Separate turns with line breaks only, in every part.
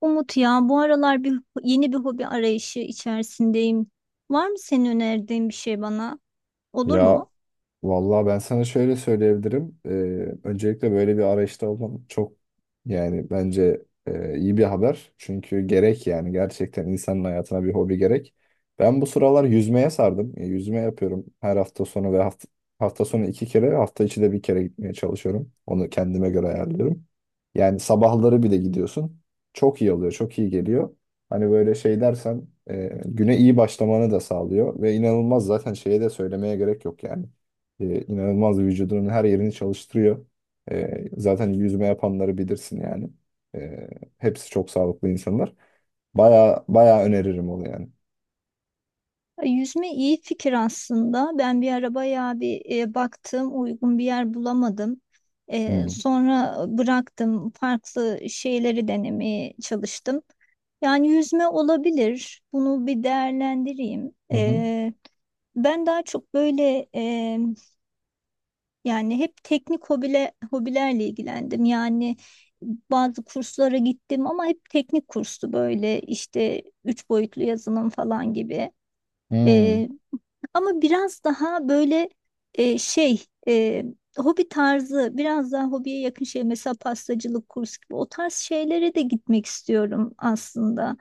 Umut ya bu aralar yeni bir hobi arayışı içerisindeyim. Var mı senin önerdiğin bir şey bana? Olur
Ya
mu?
vallahi ben sana şöyle söyleyebilirim. Öncelikle böyle bir arayışta olman çok, yani bence iyi bir haber. Çünkü gerek, yani gerçekten insanın hayatına bir hobi gerek. Ben bu sıralar yüzmeye sardım. Yüzme yapıyorum her hafta sonu ve hafta sonu iki kere, hafta içi de bir kere gitmeye çalışıyorum. Onu kendime göre ayarlıyorum. Yani sabahları bir de gidiyorsun. Çok iyi oluyor, çok iyi geliyor. Hani böyle şey dersen güne iyi başlamanı da sağlıyor ve inanılmaz, zaten şeye de söylemeye gerek yok yani. İnanılmaz vücudunun her yerini çalıştırıyor. Zaten yüzme yapanları bilirsin yani. E, Hepsi çok sağlıklı insanlar. Baya baya öneririm onu yani.
Yüzme iyi fikir aslında. Ben bir ara bayağı bir baktım, uygun bir yer bulamadım.
Hmm.
Sonra bıraktım, farklı şeyleri denemeye çalıştım. Yani yüzme olabilir. Bunu bir değerlendireyim.
Hı hı.
Ben daha çok böyle, yani hep teknik hobilerle ilgilendim. Yani bazı kurslara gittim ama hep teknik kurstu, böyle işte üç boyutlu yazılım falan gibi.
Hmm.
Ee, Ama biraz daha böyle, e, şey e, hobi tarzı, biraz daha hobiye yakın şey, mesela pastacılık kursu gibi o tarz şeylere de gitmek istiyorum aslında.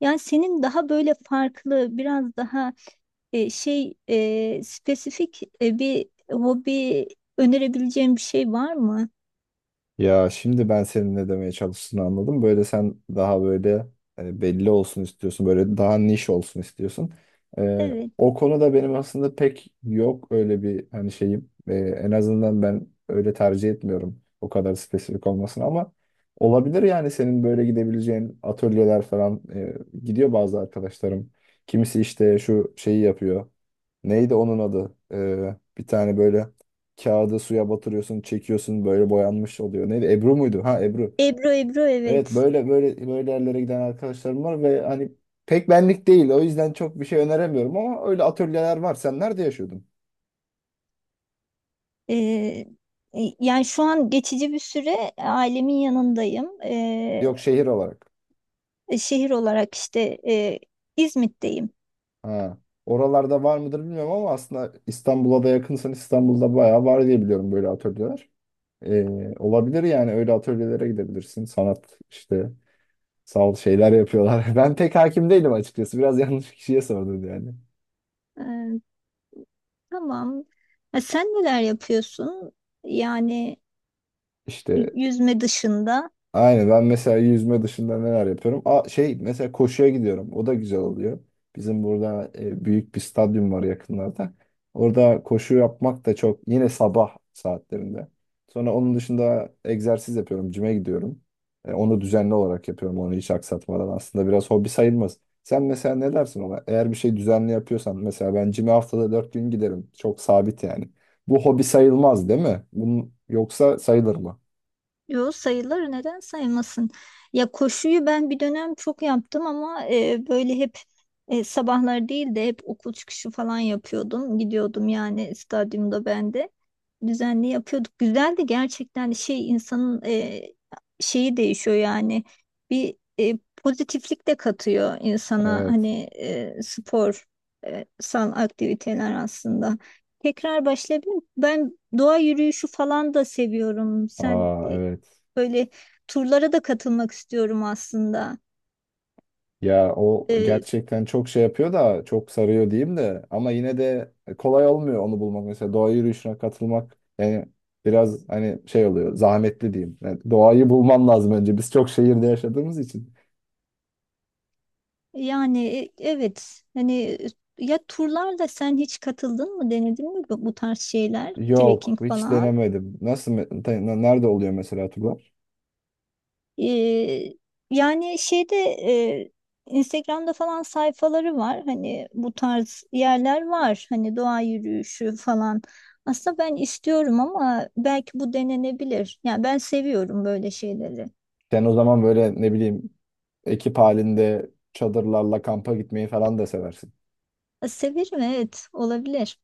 Yani senin daha böyle farklı, biraz daha spesifik, bir hobi önerebileceğin bir şey var mı?
Ya şimdi ben senin ne demeye çalıştığını anladım. Böyle sen daha böyle belli olsun istiyorsun. Böyle daha niş olsun istiyorsun.
Evet.
O konuda benim aslında pek yok öyle bir hani şeyim. En azından ben öyle tercih etmiyorum. O kadar spesifik olmasın ama olabilir yani senin böyle gidebileceğin atölyeler falan, gidiyor bazı arkadaşlarım. Kimisi işte şu şeyi yapıyor. Neydi onun adı? Bir tane böyle kağıdı suya batırıyorsun, çekiyorsun böyle boyanmış oluyor. Neydi? Ebru muydu? Ha, Ebru.
Ebru, Ebru,
Evet,
evet.
böyle böyle böyle yerlere giden arkadaşlarım var ve hani pek benlik değil. O yüzden çok bir şey öneremiyorum ama öyle atölyeler var. Sen nerede yaşıyordun?
E, e, Yani şu an geçici bir süre ailemin yanındayım.
Yok, şehir olarak.
Şehir olarak işte e, İzmit'teyim.
Ha. Oralarda var mıdır bilmiyorum ama aslında İstanbul'a da yakınsan İstanbul'da bayağı var diye biliyorum böyle atölyeler. Ee, Olabilir yani öyle atölyelere gidebilirsin. Sanat işte, sağ ol, şeyler yapıyorlar. Ben pek hakim değilim açıkçası. Biraz yanlış kişiye sordun yani.
E, tamam. Ha, sen neler yapıyorsun? Yani
İşte,
yüzme dışında.
aynen, ben mesela yüzme dışında neler yapıyorum? Aa, şey, mesela koşuya gidiyorum. O da güzel oluyor. Bizim burada büyük bir stadyum var yakınlarda. Orada koşu yapmak da çok, yine sabah saatlerinde. Sonra onun dışında egzersiz yapıyorum. Cime gidiyorum. Onu düzenli olarak yapıyorum. Onu hiç aksatmadan. Aslında biraz hobi sayılmaz. Sen mesela ne dersin ona? Eğer bir şey düzenli yapıyorsan, mesela ben cime haftada 4 gün giderim. Çok sabit yani. Bu hobi sayılmaz değil mi? Bunun, yoksa sayılır mı?
Yo, sayılır, neden sayılmasın? Ya, koşuyu ben bir dönem çok yaptım ama böyle hep, sabahlar değil de hep okul çıkışı falan yapıyordum. Gidiyordum, yani stadyumda ben de. Düzenli yapıyorduk. Güzeldi gerçekten, şey, insanın şeyi değişiyor yani. Bir pozitiflik de katıyor insana,
Evet.
hani spor sal aktiviteler aslında. Tekrar başlayabilirim. Ben doğa yürüyüşü falan da seviyorum.
Aa evet.
Böyle turlara da katılmak istiyorum aslında.
Ya o
Ee,
gerçekten çok şey yapıyor da, çok sarıyor diyeyim de ama yine de kolay olmuyor onu bulmak. Mesela doğa yürüyüşüne katılmak yani biraz hani şey oluyor, zahmetli diyeyim. Yani doğayı bulman lazım önce. Biz çok şehirde yaşadığımız için.
Yani, evet, hani, ya turlarla sen hiç katıldın mı, denedin mi bu tarz şeyler,
Yok,
trekking
hiç
falan.
denemedim. Nasıl nerede oluyor mesela turlar?
Ee, Yani Instagram'da falan sayfaları var, hani bu tarz yerler var, hani doğa yürüyüşü falan. Aslında ben istiyorum ama belki bu denenebilir. Yani ben seviyorum böyle şeyleri.
Sen o zaman böyle ne bileyim, ekip halinde çadırlarla kampa gitmeyi falan da seversin.
Severim, evet, olabilir.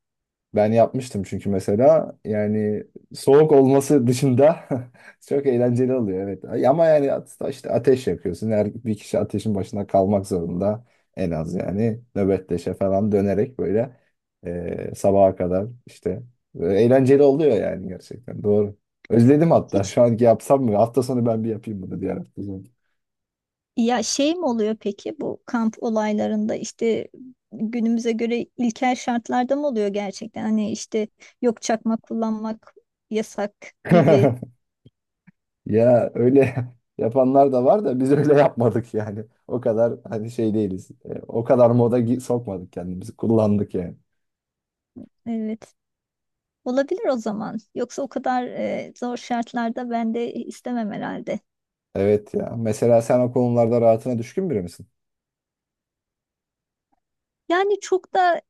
Ben yapmıştım çünkü, mesela yani soğuk olması dışında çok eğlenceli oluyor, evet. Ama yani işte ateş yakıyorsun. Her bir kişi ateşin başına kalmak zorunda en az, yani nöbetleşe falan dönerek böyle sabaha kadar işte. Eğlenceli oluyor yani, gerçekten doğru. Özledim hatta,
Hiç
şu anki yapsam mı? Hafta sonu ben bir yapayım bunu, diğer hafta sonu.
Ya, şey mi oluyor peki bu kamp olaylarında, işte günümüze göre ilkel şartlarda mı oluyor gerçekten? Hani işte yok, çakma kullanmak yasak gibi.
Ya öyle yapanlar da var da biz öyle yapmadık yani. O kadar hani şey değiliz. O kadar moda sokmadık kendimizi. Kullandık yani.
Evet. Olabilir o zaman. Yoksa o kadar zor şartlarda ben de istemem herhalde.
Evet ya. Mesela sen o konularda rahatına düşkün biri misin?
Yani çok da,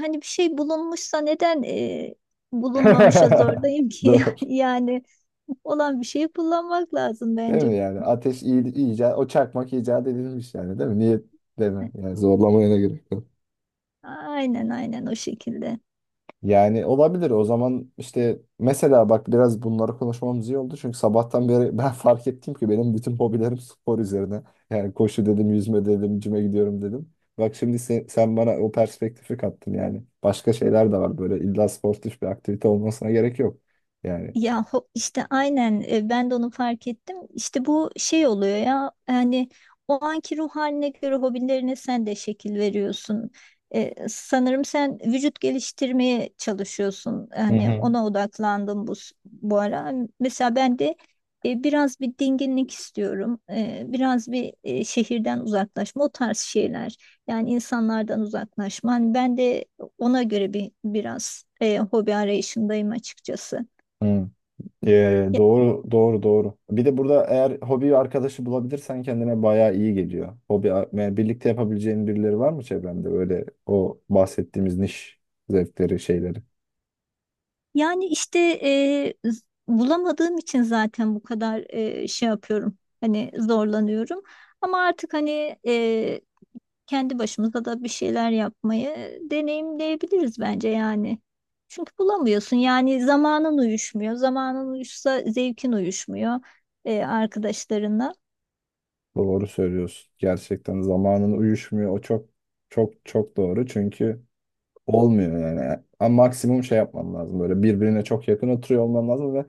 hani bir şey bulunmuşsa, neden bulunmamışa zorlayayım ki?
Doğru.
Yani olan bir şeyi kullanmak lazım
Değil
bence.
mi yani? Ateş iyi, iyice o çakmak icat edilmiş yani değil mi? Niye, değil mi? Yani zorlamaya ne gerek?
Aynen, aynen, o şekilde.
Yani olabilir o zaman. İşte mesela bak, biraz bunları konuşmamız iyi oldu. Çünkü sabahtan beri ben fark ettim ki benim bütün hobilerim spor üzerine. Yani koşu dedim, yüzme dedim, cime gidiyorum dedim. Bak şimdi sen bana o perspektifi kattın yani. Başka şeyler de var, böyle illa sportif bir aktivite olmasına gerek yok. Yani.
Ya, işte aynen, ben de onu fark ettim. İşte bu şey oluyor ya, yani o anki ruh haline göre hobilerine sen de şekil veriyorsun. Sanırım sen vücut geliştirmeye çalışıyorsun.
Hı
Hani
hı.
ona odaklandım bu ara. Mesela ben de biraz bir dinginlik istiyorum. Biraz bir şehirden uzaklaşma, o tarz şeyler. Yani insanlardan uzaklaşma. Hani ben de ona göre biraz hobi arayışındayım açıkçası.
Hı. Doğru doğru doğru. Bir de burada eğer hobi arkadaşı bulabilirsen kendine bayağı iyi geliyor. Hobi yani birlikte yapabileceğin birileri var mı çevrende? Böyle o bahsettiğimiz niş zevkleri, şeyleri.
Yani işte bulamadığım için zaten bu kadar şey yapıyorum. Hani zorlanıyorum. Ama artık hani kendi başımıza da bir şeyler yapmayı deneyimleyebiliriz bence yani. Çünkü bulamıyorsun, yani zamanın uyuşmuyor. Zamanın uyuşsa zevkin uyuşmuyor arkadaşlarınla.
Doğru söylüyorsun. Gerçekten zamanın uyuşmuyor. O çok çok çok doğru. Çünkü olmuyor yani. Ama maksimum şey yapman lazım. Böyle birbirine çok yakın oturuyor olman lazım ve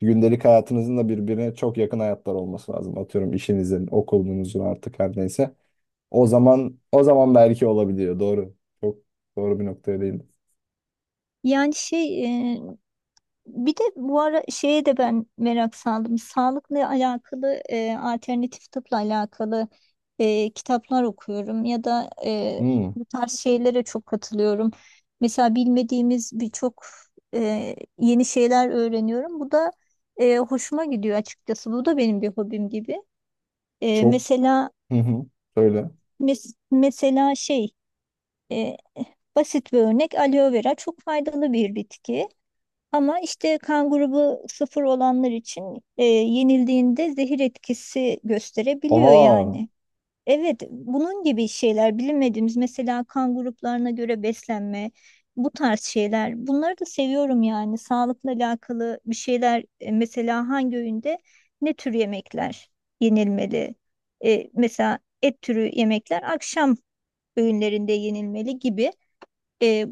gündelik hayatınızın da birbirine çok yakın hayatlar olması lazım. Atıyorum işinizin, okulunuzun, artık her neyse. O zaman, o zaman belki olabiliyor. Doğru. Çok doğru bir noktaya değindin.
Yani şey e, Bir de bu ara şeye de ben merak saldım. Sağlıkla alakalı, alternatif tıpla alakalı kitaplar okuyorum ya da
Hmm,
bu tarz şeylere çok katılıyorum. Mesela bilmediğimiz birçok yeni şeyler öğreniyorum. Bu da hoşuma gidiyor açıkçası. Bu da benim bir hobim gibi.
çok.
Mesela,
Hı hı. Söyle.
mesela, e, basit bir örnek: aloe vera çok faydalı bir bitki. Ama işte kan grubu 0 olanlar için yenildiğinde zehir etkisi gösterebiliyor
Aa.
yani. Evet, bunun gibi şeyler bilinmediğimiz, mesela kan gruplarına göre beslenme, bu tarz şeyler. Bunları da seviyorum, yani sağlıkla alakalı bir şeyler, mesela hangi öğünde ne tür yemekler yenilmeli? Mesela et türü yemekler akşam öğünlerinde yenilmeli gibi. E,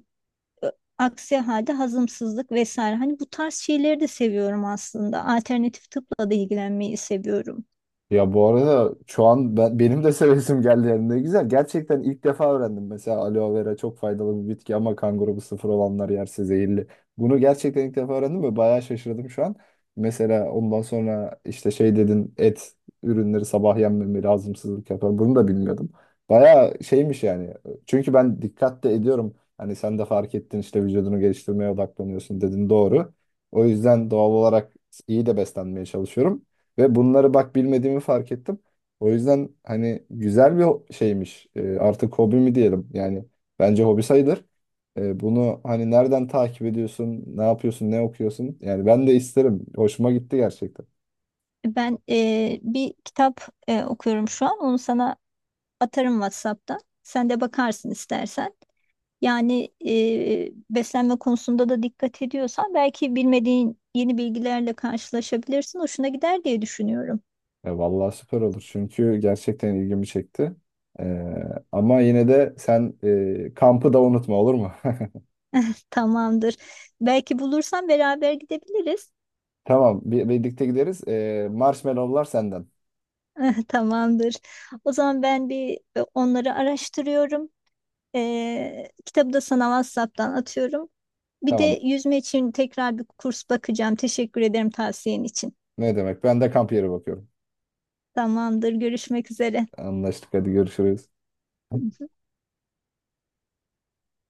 Aksi halde hazımsızlık vesaire. Hani bu tarz şeyleri de seviyorum aslında. Alternatif tıpla da ilgilenmeyi seviyorum.
Ya bu arada şu an ben, benim de sevesim geldi yani, ne güzel. Gerçekten ilk defa öğrendim. Mesela aloe vera çok faydalı bir bitki ama kan grubu sıfır olanlar yerse zehirli. Bunu gerçekten ilk defa öğrendim ve bayağı şaşırdım şu an. Mesela ondan sonra işte şey dedin, et ürünleri sabah yenmemeli, hazımsızlık yapar. Bunu da bilmiyordum. Bayağı şeymiş yani. Çünkü ben dikkat de ediyorum. Hani sen de fark ettin işte, vücudunu geliştirmeye odaklanıyorsun dedin, doğru. O yüzden doğal olarak iyi de beslenmeye çalışıyorum. Ve bunları bak bilmediğimi fark ettim. O yüzden hani güzel bir şeymiş. Artık hobi mi diyelim? Yani bence hobi sayılır. Bunu hani nereden takip ediyorsun? Ne yapıyorsun? Ne okuyorsun? Yani ben de isterim. Hoşuma gitti gerçekten.
Ben bir kitap okuyorum şu an. Onu sana atarım WhatsApp'tan. Sen de bakarsın istersen. Yani beslenme konusunda da dikkat ediyorsan belki bilmediğin yeni bilgilerle karşılaşabilirsin. Hoşuna gider diye düşünüyorum.
Ya vallahi süper olur, çünkü gerçekten ilgimi çekti. Ee, Ama yine de sen kampı da unutma, olur mu?
Tamamdır. Belki bulursan beraber gidebiliriz.
Tamam, birlikte gideriz. Marshmallowlar senden.
Tamamdır. O zaman ben onları araştırıyorum. Kitabı da sana WhatsApp'tan atıyorum. Bir de
Tamam,
yüzme için tekrar bir kurs bakacağım. Teşekkür ederim tavsiyen için.
ne demek, ben de kamp yeri bakıyorum.
Tamamdır, görüşmek üzere.
Anlaştık, hadi görüşürüz.